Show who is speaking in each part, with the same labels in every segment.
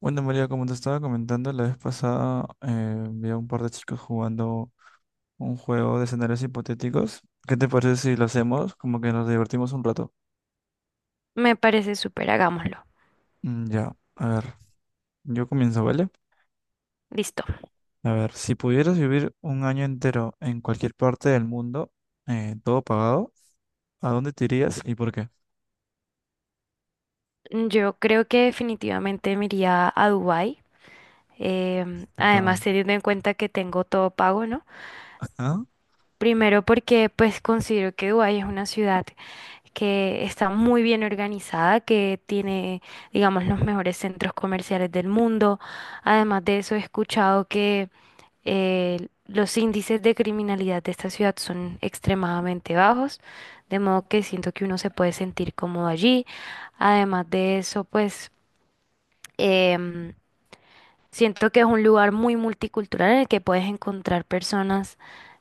Speaker 1: Bueno, María, como te estaba comentando la vez pasada, vi a un par de chicos jugando un juego de escenarios hipotéticos. ¿Qué te parece si lo hacemos? Como que nos divertimos un rato.
Speaker 2: Me parece súper, hagámoslo.
Speaker 1: Mm, ya, a ver, yo comienzo, ¿vale?
Speaker 2: Listo.
Speaker 1: A ver, si pudieras vivir un año entero en cualquier parte del mundo, todo pagado, ¿a dónde te irías y por qué?
Speaker 2: Yo creo que definitivamente me iría a Dubái.
Speaker 1: Bien
Speaker 2: Además,
Speaker 1: pagado.
Speaker 2: teniendo en cuenta que tengo todo pago, ¿no?
Speaker 1: ¿Ah?
Speaker 2: Primero porque pues considero que Dubái es una ciudad que está muy bien organizada, que tiene, digamos, los mejores centros comerciales del mundo. Además de eso, he escuchado que los índices de criminalidad de esta ciudad son extremadamente bajos, de modo que siento que uno se puede sentir cómodo allí. Además de eso, pues em, siento que es un lugar muy multicultural en el que puedes encontrar personas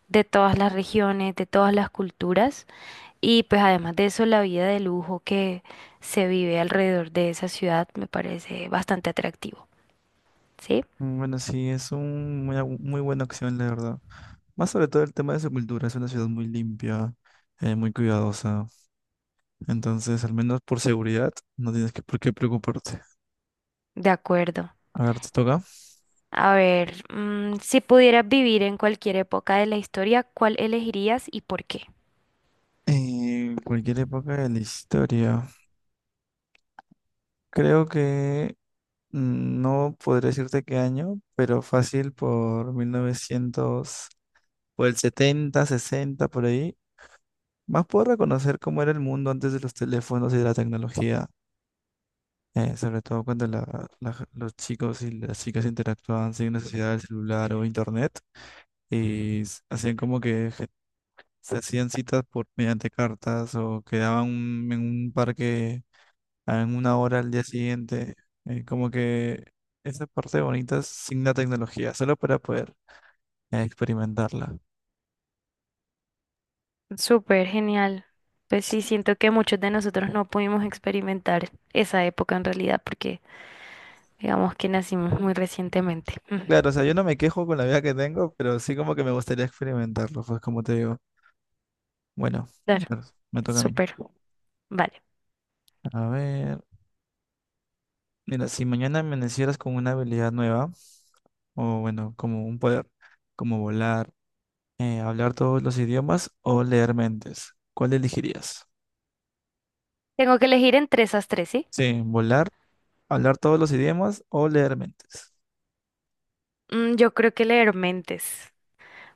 Speaker 2: de todas las regiones, de todas las culturas. Y pues además de eso, la vida de lujo que se vive alrededor de esa ciudad me parece bastante atractivo. ¿Sí?
Speaker 1: Mm. Bueno, sí, es un, muy, bu- muy buena opción, la verdad. Más sobre todo el tema de su cultura, es una ciudad muy limpia, muy cuidadosa. Entonces, al menos por seguridad, no tienes que por qué preocuparte.
Speaker 2: De acuerdo.
Speaker 1: A ver, te toca.
Speaker 2: A ver, si pudieras vivir en cualquier época de la historia, ¿cuál elegirías y por qué?
Speaker 1: En cualquier época de la historia. Creo que no podré decirte qué año, pero fácil por 1900, por el 70, 60, por ahí. Más puedo reconocer cómo era el mundo antes de los teléfonos y de la tecnología. Sobre todo cuando los chicos y las chicas interactuaban sin necesidad del celular o internet, y hacían como que se hacían citas por mediante cartas o quedaban en un parque en una hora al día siguiente. Como que esa parte bonita sin la tecnología, solo para poder experimentarla.
Speaker 2: Súper genial. Pues sí,
Speaker 1: Sí.
Speaker 2: siento que muchos de nosotros no pudimos experimentar esa época en realidad porque digamos que nacimos muy recientemente. Ujú.
Speaker 1: Claro, o sea, yo no me quejo con la vida que tengo, pero sí como que me gustaría experimentarlo, pues como te digo. Bueno, a
Speaker 2: Claro,
Speaker 1: ver, me toca a mí.
Speaker 2: súper. Vale.
Speaker 1: A ver, mira, si mañana amanecieras con una habilidad nueva, o bueno, como un poder, como volar, ¿hablar todos los idiomas o leer mentes? ¿Cuál elegirías?
Speaker 2: Tengo que elegir entre esas tres, ¿sí?
Speaker 1: Sí, volar, hablar todos los idiomas o leer mentes.
Speaker 2: Yo creo que leer mentes.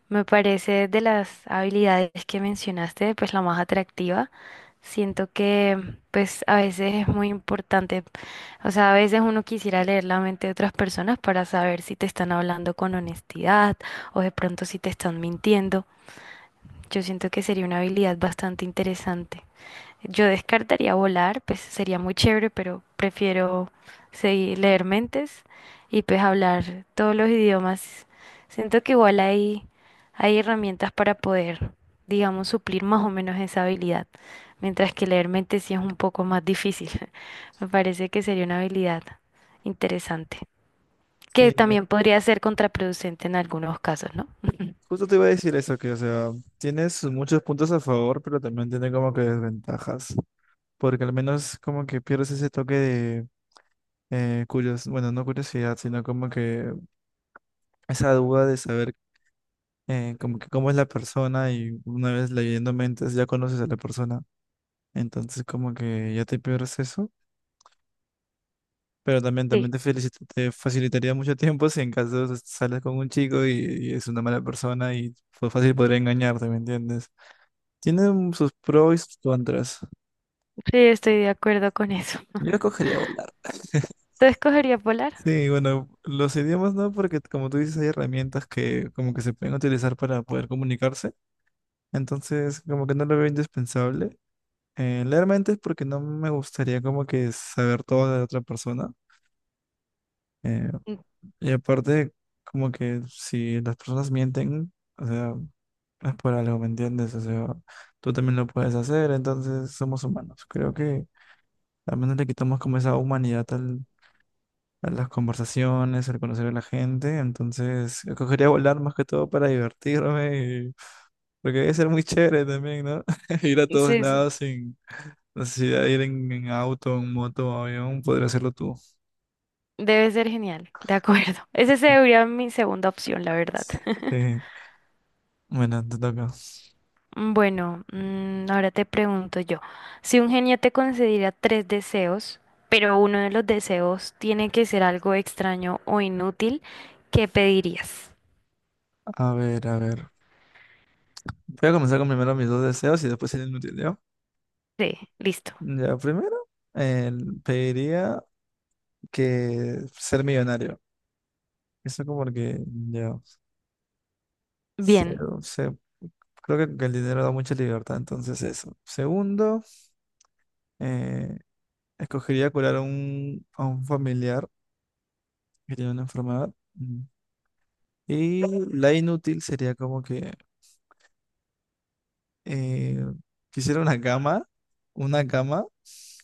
Speaker 2: Me parece de las habilidades que mencionaste, pues la más atractiva. Siento que pues a veces es muy importante, o sea, a veces uno quisiera leer la mente de otras personas para saber si te están hablando con honestidad o de pronto si te están mintiendo. Yo siento que sería una habilidad bastante interesante. Yo descartaría volar, pues sería muy chévere, pero prefiero seguir leer mentes y pues hablar todos los idiomas. Siento que igual hay herramientas para poder, digamos, suplir más o menos esa habilidad, mientras que leer mentes sí es un poco más difícil. Me parece que sería una habilidad interesante, que
Speaker 1: Sí,
Speaker 2: también podría ser contraproducente en algunos casos, ¿no?
Speaker 1: justo te iba a decir eso, que, o sea, tienes muchos puntos a favor, pero también tiene como que desventajas, porque al menos como que pierdes ese toque de bueno, no curiosidad, sino como que esa duda de saber, como que cómo es la persona, y una vez leyendo mentes ya conoces a la persona, entonces como que ya te pierdes eso. Pero también
Speaker 2: Sí,
Speaker 1: te facilitaría mucho tiempo si en caso sales con un chico, y es una mala persona y fue fácil podría engañarte, ¿me entiendes? Tienen sus pros y sus contras.
Speaker 2: sí, estoy de acuerdo con eso.
Speaker 1: Yo escogería volar.
Speaker 2: ¿Tú escogerías volar?
Speaker 1: Sí, bueno, los idiomas no, porque como tú dices, hay herramientas que como que se pueden utilizar para poder comunicarse. Entonces, como que no lo veo indispensable. Realmente es porque no me gustaría como que saber todo de la otra persona. Eh,
Speaker 2: Mm,
Speaker 1: Y aparte, como que si las personas mienten, o sea, es por algo, ¿me entiendes? O sea, tú también lo puedes hacer, entonces somos humanos. Creo que también le quitamos como esa humanidad a las conversaciones, al conocer a la gente. Entonces, escogería volar más que todo para divertirme, y- porque debe ser muy chévere también, ¿no? Ir a todos
Speaker 2: sí, sí.
Speaker 1: lados sin necesidad de ir en auto, en moto, o avión, podría hacerlo tú.
Speaker 2: Debe ser genial, de acuerdo. Esa sería mi segunda opción, la verdad.
Speaker 1: Sí. Bueno, te toca.
Speaker 2: Bueno, ahora te pregunto yo, si un genio te concediera tres deseos, pero uno de los deseos tiene que ser algo extraño o inútil, ¿qué pedirías?
Speaker 1: A ver, a ver. Voy a comenzar con primero mis dos deseos y después el inútil, ¿ya?
Speaker 2: Sí, listo.
Speaker 1: Ya, primero, pediría que ser millonario. Eso como que, ya, se-
Speaker 2: Bien,
Speaker 1: se- creo que el dinero da mucha libertad, entonces eso. Segundo, eh, escogería curar a un familiar que tiene una enfermedad. Mm. Y la inútil sería como que eh, quisiera una cama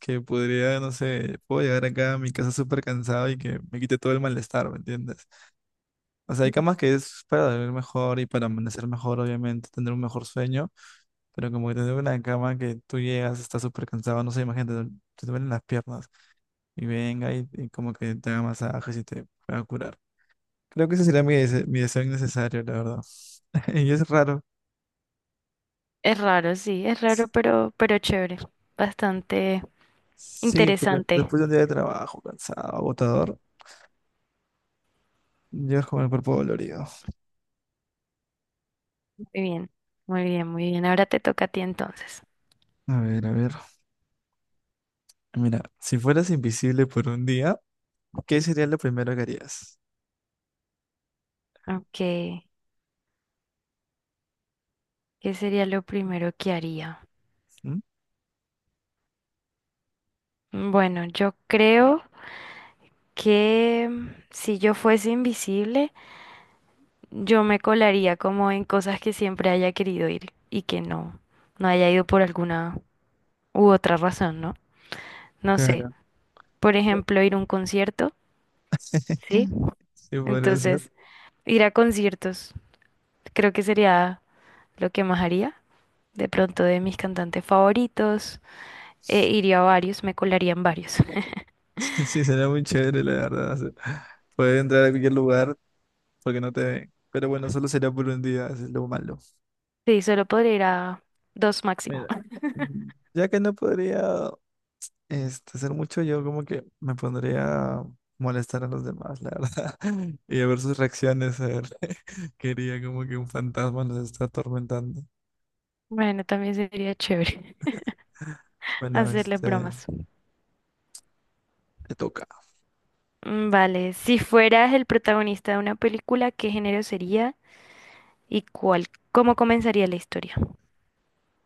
Speaker 1: que podría, no sé, puedo llegar acá a mi casa súper cansado y que me quite todo el malestar, ¿me entiendes? O sea, hay camas que es para dormir mejor y para amanecer mejor, obviamente, tener un mejor sueño, pero como que tener una cama que tú llegas, estás súper cansado, no sé, imagínate, te duelen las piernas y venga y como que te haga masajes y te pueda curar. Creo que ese sería mi deseo innecesario, la verdad. Y es raro.
Speaker 2: es raro, sí, es raro, pero chévere, bastante
Speaker 1: Sí, porque
Speaker 2: interesante.
Speaker 1: después de un día de trabajo cansado, agotador, llegas con el cuerpo dolorido.
Speaker 2: Muy bien, muy bien, muy bien. Ahora te toca a ti entonces.
Speaker 1: A ver, a ver. Mira, si fueras invisible por un día, ¿qué sería lo primero que harías?
Speaker 2: Ok, ¿qué sería lo primero que haría?
Speaker 1: ¿Mm?
Speaker 2: Bueno, yo creo que si yo fuese invisible, yo me colaría como en cosas que siempre haya querido ir y que no, no haya ido por alguna u otra razón, ¿no? No sé,
Speaker 1: Claro.
Speaker 2: por ejemplo, ir a un concierto, ¿sí?
Speaker 1: Sí, podría ser.
Speaker 2: Entonces, ir a conciertos creo que sería lo que más haría. De pronto de mis cantantes favoritos, iría a varios, me colaría en varios.
Speaker 1: Sí, sería muy chévere, la verdad. O sea, poder entrar a cualquier lugar porque no te ven. Pero bueno, solo sería por un día, eso es lo malo.
Speaker 2: Sí, solo podría ir a dos máximo.
Speaker 1: Mira, mm, ya que no podría hacer mucho, yo como que me pondría a molestar a los demás, la verdad. Y a ver sus reacciones, a ver. Quería como que un fantasma nos está atormentando.
Speaker 2: Bueno, también sería chévere.
Speaker 1: Bueno,
Speaker 2: Hacerle bromas.
Speaker 1: te toca.
Speaker 2: Mm, vale, si fueras el protagonista de una película, ¿qué género sería y cuál? ¿Cómo comenzaría la historia?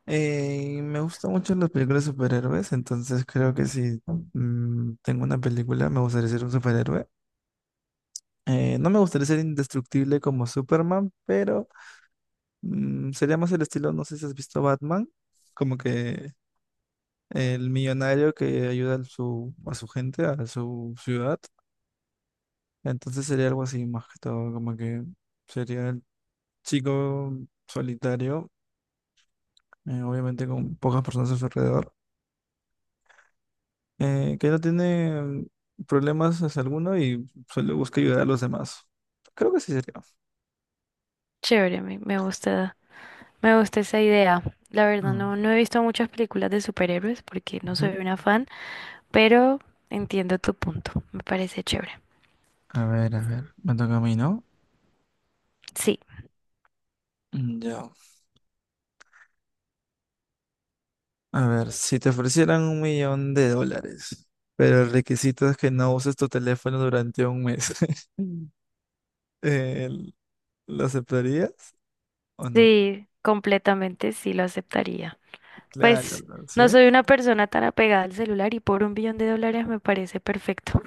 Speaker 1: Me gustan mucho las películas de superhéroes, entonces creo que si tengo una película me gustaría ser un superhéroe. No me gustaría ser indestructible como Superman, pero sería más el estilo, no sé si has visto Batman, como que el millonario que ayuda a su gente, a su ciudad. Entonces sería algo así más que todo, como que sería el chico solitario, obviamente con pocas personas a su alrededor, que no tiene problemas hacia alguno y solo busca ayudar a los demás. Creo que sí sería.
Speaker 2: Chévere, me gusta, me gusta esa idea. La verdad,
Speaker 1: Mm,
Speaker 2: no, no he visto muchas películas de superhéroes porque no
Speaker 1: ujú.
Speaker 2: soy una fan, pero entiendo tu punto. Me parece chévere.
Speaker 1: A ver, me toca a mí, ¿no?
Speaker 2: Sí,
Speaker 1: Mm, ya. A ver, si te ofrecieran un millón de dólares, pero el requisito es que no uses tu teléfono durante un mes, Mm. eh, ¿Lo aceptarías o no?
Speaker 2: sí, completamente sí lo aceptaría.
Speaker 1: Claro,
Speaker 2: Pues
Speaker 1: ¿no? ¿Sí?
Speaker 2: no soy una persona tan apegada al celular y por 1 billón de dólares me parece perfecto.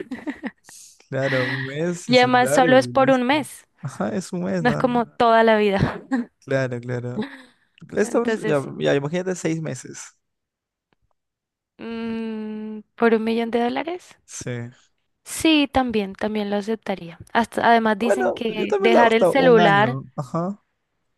Speaker 1: Claro, un mes sin
Speaker 2: Y además
Speaker 1: celular
Speaker 2: solo es
Speaker 1: y
Speaker 2: por un
Speaker 1: listo.
Speaker 2: mes,
Speaker 1: Ajá, es un mes,
Speaker 2: no es
Speaker 1: ¿no?
Speaker 2: como toda la vida.
Speaker 1: Claro, claro. Esto, ya,
Speaker 2: Entonces,
Speaker 1: ya, imagínate 6 meses.
Speaker 2: mm, ¿por 1 millón de dólares?
Speaker 1: Sí.
Speaker 2: Sí, también, también lo aceptaría. Hasta, además dicen
Speaker 1: Bueno, yo
Speaker 2: que
Speaker 1: también la hago hasta un año. Ajá.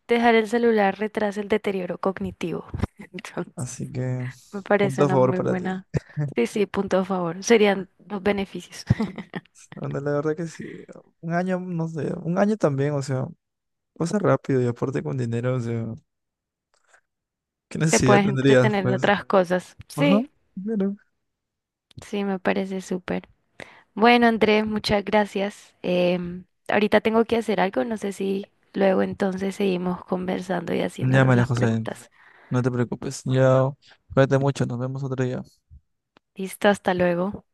Speaker 2: dejar el celular retrasa el deterioro cognitivo. Entonces,
Speaker 1: Así que,
Speaker 2: me parece
Speaker 1: punto a
Speaker 2: una
Speaker 1: favor
Speaker 2: muy
Speaker 1: para ti.
Speaker 2: buena. Sí, sí, punto a favor. Serían los beneficios.
Speaker 1: Bueno, la verdad que sí. Un año, no sé. Un año también, o sea, pasa rápido y aparte con dinero, o sea, ¿qué
Speaker 2: Te
Speaker 1: necesidad
Speaker 2: puedes
Speaker 1: tendrías,
Speaker 2: entretener en
Speaker 1: pues?
Speaker 2: otras cosas.
Speaker 1: Ajá.
Speaker 2: Sí,
Speaker 1: Pero...
Speaker 2: sí, me parece súper. Bueno, Andrés, muchas gracias. Ahorita tengo que hacer algo, no sé si luego entonces seguimos conversando y
Speaker 1: Ya,
Speaker 2: haciéndonos
Speaker 1: María
Speaker 2: las
Speaker 1: José,
Speaker 2: preguntas.
Speaker 1: no te preocupes. Ya, cuídate mucho. Nos vemos otro día.
Speaker 2: Listo, hasta luego.